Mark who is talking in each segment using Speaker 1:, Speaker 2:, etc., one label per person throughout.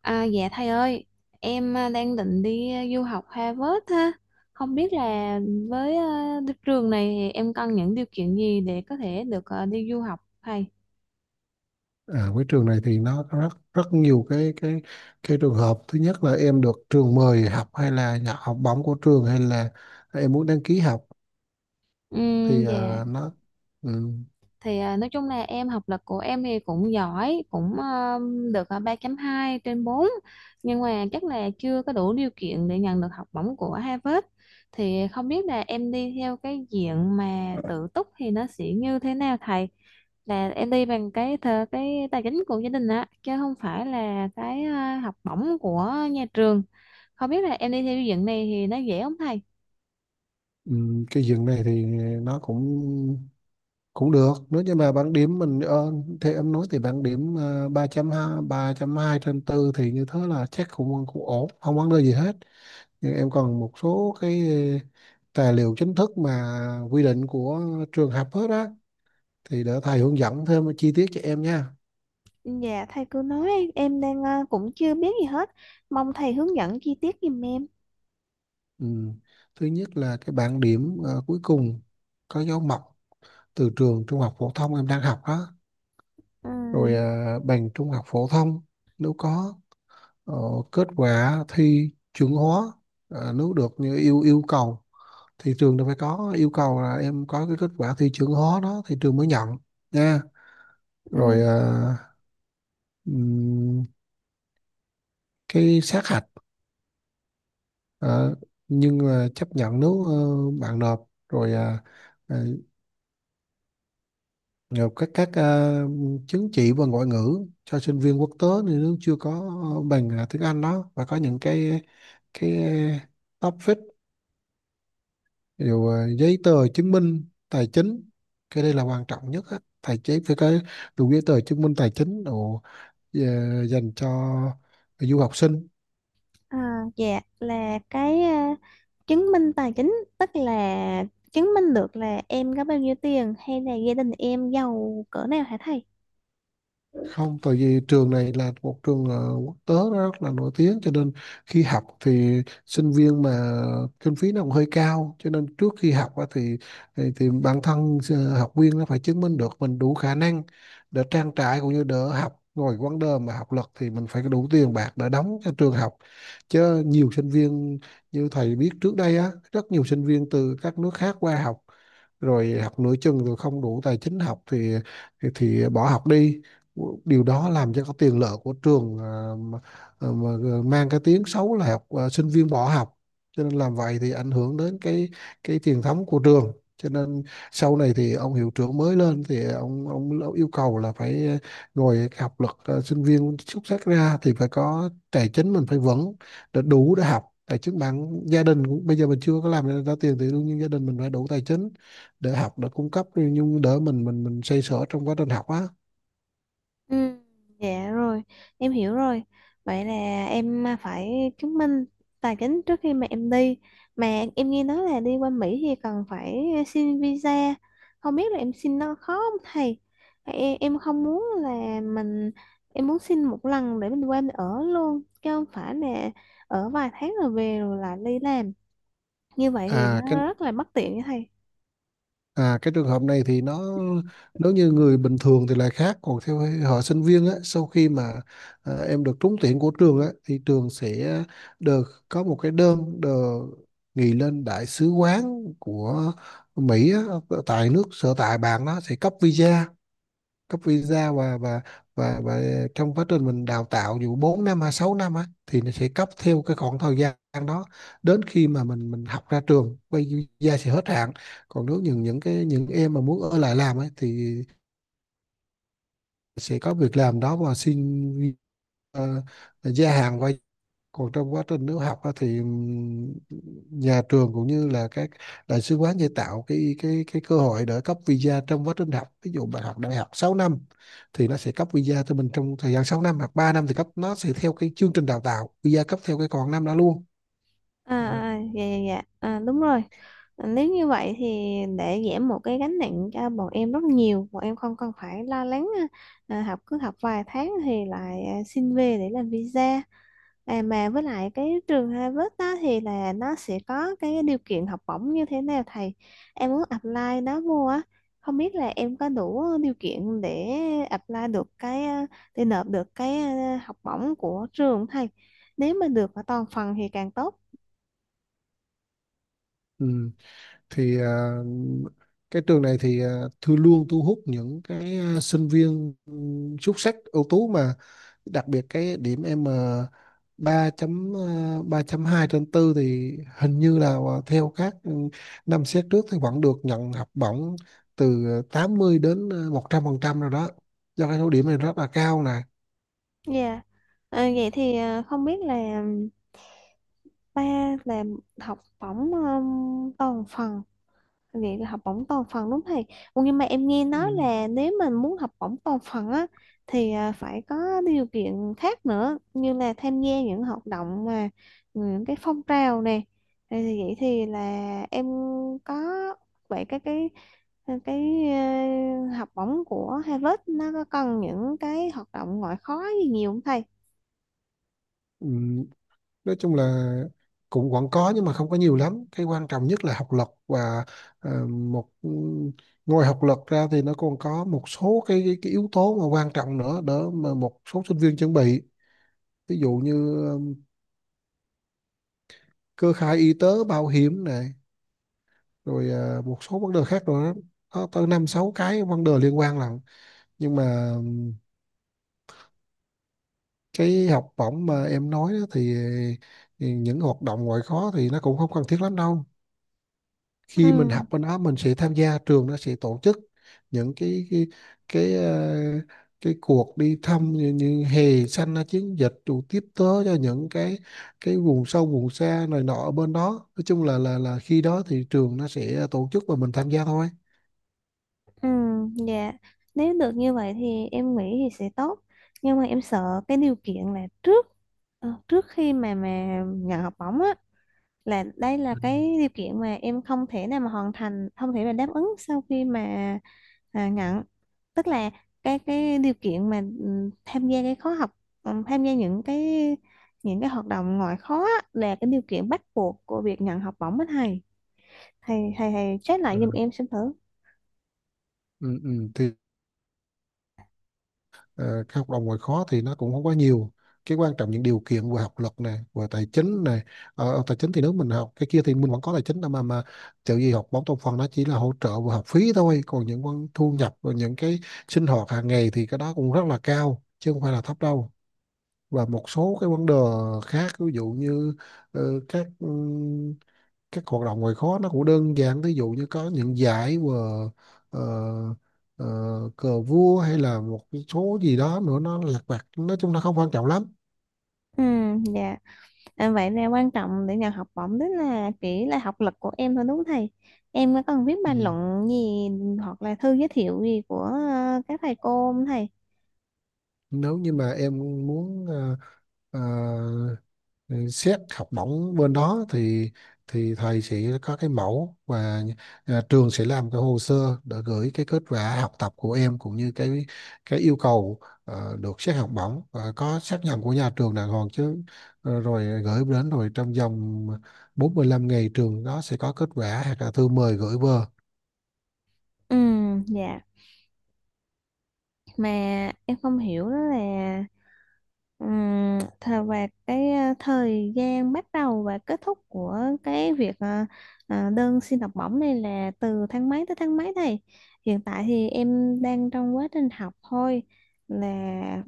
Speaker 1: À, dạ thầy ơi, đang định đi du học Harvard ha. Không biết là với đức trường này thì em cần những điều kiện gì để có thể được đi du học thầy?
Speaker 2: Với trường này thì nó có rất rất nhiều cái trường hợp thứ nhất là em được trường mời học hay là nhận học bổng của trường hay là em muốn đăng ký học thì
Speaker 1: Dạ,
Speaker 2: à, nó ừm,
Speaker 1: nói chung là em học lực của em thì cũng giỏi, cũng được 3.2/4. Nhưng mà chắc là chưa có đủ điều kiện để nhận được học bổng của Harvard. Thì không biết là em đi theo cái diện mà tự túc thì nó sẽ như thế nào thầy? Là em đi bằng cái thờ cái tài chính của gia đình á chứ không phải là cái học bổng của nhà trường. Không biết là em đi theo xây dựng này thì nó dễ không thầy?
Speaker 2: cái diện này thì nó cũng cũng được nếu như mà bảng điểm mình thì em nói thì bảng điểm à, ba hai ba 3 hai trên tư thì như thế là chắc cũng cũng ổn, không vấn đề gì hết. Nhưng em còn một số cái tài liệu chính thức mà quy định của trường học hết á, thì để thầy hướng dẫn thêm chi tiết cho em nha.
Speaker 1: Dạ thầy cứ nói, em đang cũng chưa biết gì hết. Mong thầy hướng dẫn chi tiết giùm em.
Speaker 2: Ừ. Thứ nhất là cái bảng điểm cuối cùng có dấu mộc từ trường trung học phổ thông em đang học đó.
Speaker 1: Ừ.
Speaker 2: Rồi bằng trung học phổ thông nếu có, ờ, kết quả thi chuẩn hóa nếu được như yêu yêu cầu, thì trường đâu phải có yêu cầu là em có cái kết quả thi chuẩn hóa đó thì trường mới nhận nha. Rồi
Speaker 1: Ừ.
Speaker 2: ừm, cái sát hạch, ờ, nhưng mà chấp nhận nếu bạn nộp rồi. Ờ, ờ, Rồi các chứng chỉ và ngoại ngữ cho sinh viên quốc tế, thì nếu chưa có bằng tiếng Anh đó và có những cái topic, giấy tờ chứng minh tài chính. Cái đây là quan trọng nhất á. Tài chính phải có đủ giấy tờ chứng minh tài chính đồ, ờ, dành cho du học sinh.
Speaker 1: À, dạ là chứng minh tài chính tức là chứng minh được là em có bao nhiêu tiền hay là gia đình em giàu cỡ nào hả thầy?
Speaker 2: Không, tại vì trường này là một trường quốc tế, nó rất là nổi tiếng cho nên khi học thì sinh viên mà kinh phí nó cũng hơi cao, cho nên trước khi học á thì thì bản thân học viên nó phải chứng minh được mình đủ khả năng để trang trải cũng như đỡ học. Rồi vấn đề mà học lực thì mình phải đủ tiền bạc để đóng cho trường học, chứ nhiều sinh viên như thầy biết trước đây á, rất nhiều sinh viên từ các nước khác qua học rồi học nửa chừng rồi không đủ tài chính học thì thì bỏ học đi. Điều đó làm cho cái tiền lệ của trường à, mà mang cái tiếng xấu là sinh viên bỏ học, cho nên làm vậy thì ảnh hưởng đến cái truyền thống của trường. Cho nên sau này thì ông hiệu trưởng mới lên thì ông yêu cầu là phải ngồi học lực sinh viên xuất sắc ra thì phải có tài chính mình phải vững để đủ để học. Tài chính bản gia đình cũng bây giờ mình chưa có làm ra ra tiền thì đương nhiên gia đình mình phải đủ tài chính để học, để cung cấp, nhưng đỡ mình xoay sở trong quá trình học á.
Speaker 1: Ừ, dạ rồi, em hiểu rồi. Vậy là em phải chứng minh tài chính trước khi mà em đi. Mà em nghe nói là đi qua Mỹ thì cần phải xin visa. Không biết là em xin nó khó không thầy? Em không muốn là mình, em muốn xin một lần để mình qua mình ở luôn, chứ không phải là ở vài tháng rồi về rồi lại đi làm. Như vậy thì
Speaker 2: à cái
Speaker 1: nó rất là bất tiện với thầy.
Speaker 2: Cái trường hợp này thì nó, nếu như người bình thường thì là khác, còn theo họ sinh viên á, sau khi mà em được trúng tuyển của trường á thì trường sẽ được có một cái đơn được gửi lên đại sứ quán của Mỹ á, tại nước sở tại bạn, nó sẽ cấp visa, cấp visa và trong quá trình mình đào tạo dù 4 năm hay 6 năm á thì nó sẽ cấp theo cái khoảng thời gian đó, đến khi mà mình học ra trường quay, visa sẽ hết hạn. Còn nếu những em mà muốn ở lại làm ấy thì sẽ có việc làm đó và xin ờ, gia hạn qua. Còn trong quá trình nếu học á thì nhà trường cũng như là các đại sứ quán sẽ tạo cái cơ hội để cấp visa trong quá trình học. Ví dụ bạn học đại học 6 năm thì nó sẽ cấp visa cho mình trong thời gian 6 năm, hoặc 3 năm thì cấp, nó sẽ theo cái chương trình đào tạo, visa cấp theo cái còn năm đó luôn. à,
Speaker 1: Dạ dạ dạ, đúng rồi. Nếu như vậy thì để giảm một cái gánh nặng cho bọn em rất nhiều, bọn em không cần phải lo lắng, học cứ học vài tháng thì lại xin về để làm visa. Mà với lại cái trường Harvard đó thì là nó sẽ có cái điều kiện học bổng như thế nào thầy? Em muốn apply nó vô á, không biết là em có đủ điều kiện để apply được để nộp được học bổng của trường không thầy? Nếu mà được ở toàn phần thì càng tốt.
Speaker 2: ừm. Thì cái trường này thì thư luôn thu hút những cái sinh viên xuất sắc ưu tú, mà đặc biệt cái điểm M ba chấm ba chấm hai trên tư thì hình như là theo các năm xét trước thì vẫn được nhận học bổng từ 80 đến 100 phần trăm rồi đó, do cái số điểm này rất là cao nè.
Speaker 1: Dạ. Ờ, vậy thì ờ, không biết là ba là học bổng toàn phần, vậy là học bổng toàn phần đúng không thầy? Ủa, nhưng mà em nghe
Speaker 2: ừ.
Speaker 1: nói là nếu mình muốn học bổng toàn phần á thì phải có điều kiện khác nữa như là tham gia những hoạt động mà những cái phong trào này thì vậy thì là em có vậy cái học bổng của Harvard nó có cần những cái hoạt động ngoại khóa gì nhiều không thầy?
Speaker 2: Ừ. nói chung là cũng vẫn có nhưng mà không có nhiều lắm, cái quan trọng nhất là học lực và ờ, một ừ, ngoài học lực ra thì nó còn có một số cái yếu tố mà quan trọng nữa, đỡ mà một số sinh viên chuẩn bị. Ví dụ như cơ khai y tế bảo hiểm nè, rồi một số vấn đề khác nữa, có tới năm sáu cái vấn đề liên quan lận. Nhưng mà cái học bổng mà em nói đó thì những hoạt động ngoại khóa thì nó cũng không cần thiết lắm đâu, khi mình
Speaker 1: Ừ,
Speaker 2: học bên đó mình sẽ tham gia, trường nó sẽ tổ chức những cái, ờ, cái cuộc đi thăm như hè xanh là chiến dịch, rồi tiếp tế cho những cái vùng sâu vùng xa này nọ ở bên đó. Nói chung là khi đó thì trường nó sẽ tổ chức và mình tham gia thôi.
Speaker 1: ừ, dạ. Nếu được như vậy thì em nghĩ thì sẽ tốt. Nhưng mà em sợ cái điều kiện là trước trước khi mà nhận học bổng á, là đây là cái điều kiện mà em không thể nào mà hoàn thành, không thể mà đáp ứng sau khi mà nhận. Tức là cái điều kiện mà tham gia cái khóa học, tham gia những cái hoạt động ngoại khóa á, là cái điều kiện bắt buộc của việc nhận học bổng á thầy. Thầy check lại giùm
Speaker 2: Ừ.
Speaker 1: em xem thử.
Speaker 2: Ừ. Thì ờ, cái học đồng ngoài khó thì nó cũng không quá nhiều, cái quan trọng những điều kiện vừa học lực này vừa tài chính này. Ở ở tài chính thì nếu mình học cái kia thì mình vẫn có tài chính đâu mà kiểu gì, học bóng trong phần nó chỉ là hỗ trợ vừa học phí thôi, còn những con thu nhập và những cái sinh hoạt hàng ngày thì cái đó cũng rất là cao chứ không phải là thấp đâu. Và một số cái vấn đề khác, ví dụ như ờ, các các hoạt động ngoại khóa nó cũng đơn giản, ví dụ như có những giải và ờ, ờ, cờ vua hay là một cái số gì đó nữa, nó lặt vặt, nói chung nó không quan trọng lắm.
Speaker 1: Ừ, dạ. À, vậy nè quan trọng để nhận học bổng tức là chỉ là học lực của em thôi đúng không thầy? Em có cần viết
Speaker 2: ừ.
Speaker 1: bài luận gì hoặc là thư giới thiệu gì của các thầy cô không thầy?
Speaker 2: Nếu như mà em muốn ờ, ừ, xét học bổng bên đó thì thầy sẽ có cái mẫu và trường sẽ làm cái hồ sơ để gửi cái kết quả học tập của em cũng như cái yêu cầu được xét học bổng, và có xác nhận của nhà trường đàng hoàng chứ. Ờ, rồi gửi đến, rồi trong vòng 45 ngày trường đó sẽ có kết quả hoặc là thư mời gửi về.
Speaker 1: Ừ, dạ. Mà em không hiểu đó là thời và thời gian bắt đầu và kết thúc của cái việc đơn xin học bổng này là từ tháng mấy tới tháng mấy thầy? Hiện tại thì em đang trong quá trình học thôi, là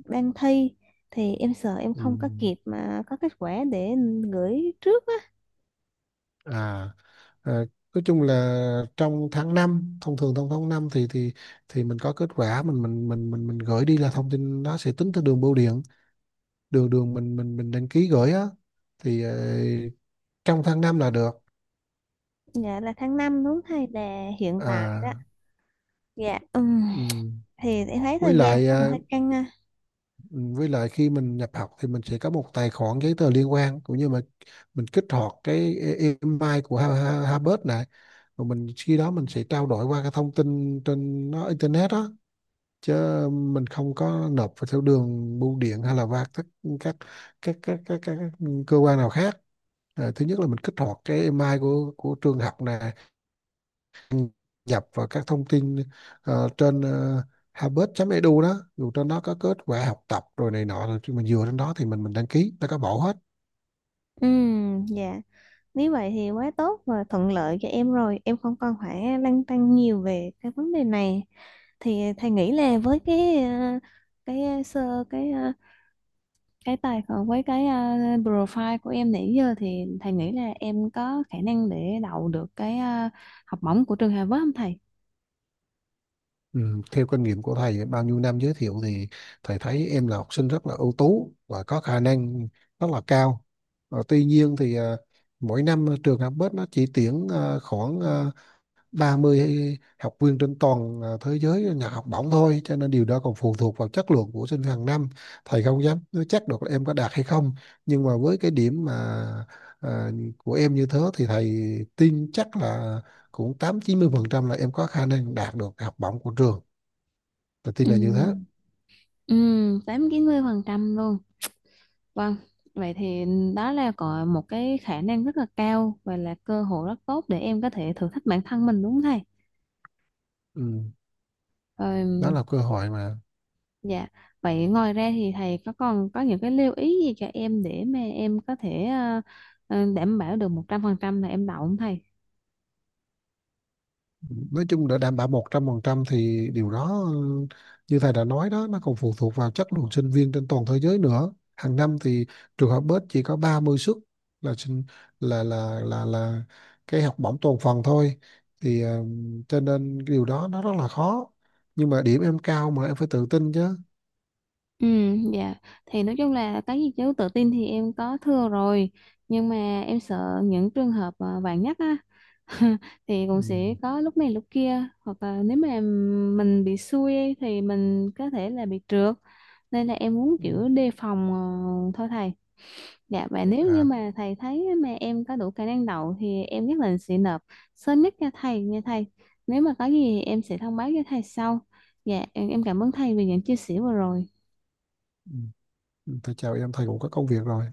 Speaker 1: đang thi, thì em sợ em
Speaker 2: ừ.
Speaker 1: không có kịp mà có kết quả để gửi trước á.
Speaker 2: à À, nói chung là trong tháng năm, thông thường trong tháng 5 thì mình có kết quả, mình gửi đi là thông tin nó sẽ tính theo đường bưu điện, đường đường mình đăng ký gửi á thì trong tháng 5 là được.
Speaker 1: Dạ là tháng 5 đúng thầy, là hiện tại đó.
Speaker 2: à
Speaker 1: Dạ
Speaker 2: ừm.
Speaker 1: thì em thấy
Speaker 2: Với
Speaker 1: thời gian nó
Speaker 2: lại
Speaker 1: cũng hơi căng ha.
Speaker 2: với lại khi mình nhập học thì mình sẽ có một tài khoản, giấy tờ liên quan cũng như mà mình kích hoạt cái email của Harvard này, rồi mình khi đó mình sẽ trao đổi qua cái thông tin trên nó, internet á, chứ mình không có nộp vào theo đường bưu điện hay là qua các các cơ quan nào khác. Thứ nhất là mình kích hoạt cái email của trường học nè, nhập vào các thông tin trên harvard.edu đó, dù trên đó có kết quả học tập rồi này nọ, rồi khi mình dựa trên đó thì mình đăng ký nó có bộ hết.
Speaker 1: Dạ. Nếu vậy thì quá tốt và thuận lợi cho em rồi. Em không còn phải lăn tăn nhiều về cái vấn đề này. Thì thầy nghĩ là với cái ờ, sơ cái ờ, cái tài khoản với profile của em nãy giờ, thì thầy nghĩ là em có khả năng để đậu được học bổng của trường Harvard không thầy?
Speaker 2: Ừ, theo kinh nghiệm của thầy bao nhiêu năm giới thiệu thì thầy thấy em là học sinh rất là ưu tú và có khả năng rất là cao. Ờ, tuy nhiên thì mỗi năm trường Học Bách nó chỉ tuyển khoảng 30 hay học viên trên toàn thế giới nhận học bổng thôi, cho nên điều đó còn phụ thuộc vào chất lượng của sinh hàng năm. Thầy không dám nói chắc được là em có đạt hay không, nhưng mà với cái điểm mà à, của em như thế thì thầy tin chắc là cũng tám chín mươi phần trăm là em có khả năng đạt được học bổng của trường, tôi tin
Speaker 1: Ừ,
Speaker 2: là như thế.
Speaker 1: ừ, 80-90% luôn. Vâng, vậy thì đó là có một cái khả năng rất là cao và là cơ hội rất tốt để em có thể thử thách bản thân mình đúng không thầy?
Speaker 2: ừ. Đó
Speaker 1: Rồi.
Speaker 2: là cơ hội mà
Speaker 1: Dạ, vậy ngoài ra thì thầy có còn có những cái lưu ý gì cho em để mà em có thể đảm bảo được 100% là em đậu không thầy?
Speaker 2: nói chung để đảm bảo 100% thì điều đó, như thầy đã nói đó, nó còn phụ thuộc vào chất lượng sinh viên trên toàn thế giới nữa. Hàng năm thì trường học bếp chỉ có 30 suất là sinh là cái học bổng toàn phần thôi thì, cho nên cái điều đó nó rất là khó, nhưng mà điểm em cao mà em phải tự tin chứ.
Speaker 1: Ừ, dạ, thì nói chung là cái gì chứ tự tin thì em có thưa rồi, nhưng mà em sợ những trường hợp vạn nhất á, thì
Speaker 2: ừ.
Speaker 1: cũng sẽ có lúc này lúc kia, hoặc là nếu mà mình bị xui ấy, thì mình có thể là bị trượt, nên là em muốn
Speaker 2: Ừ.
Speaker 1: kiểu đề phòng thôi thầy. Dạ và nếu như
Speaker 2: À,
Speaker 1: mà thầy thấy mà em có đủ khả năng đậu thì em nhất định sẽ nộp sớm nhất cho thầy nha thầy. Nếu mà có gì thì em sẽ thông báo cho thầy sau. Dạ em cảm ơn thầy vì những chia sẻ vừa rồi.
Speaker 2: ừ. Thôi chào em, thầy cũng có công việc rồi.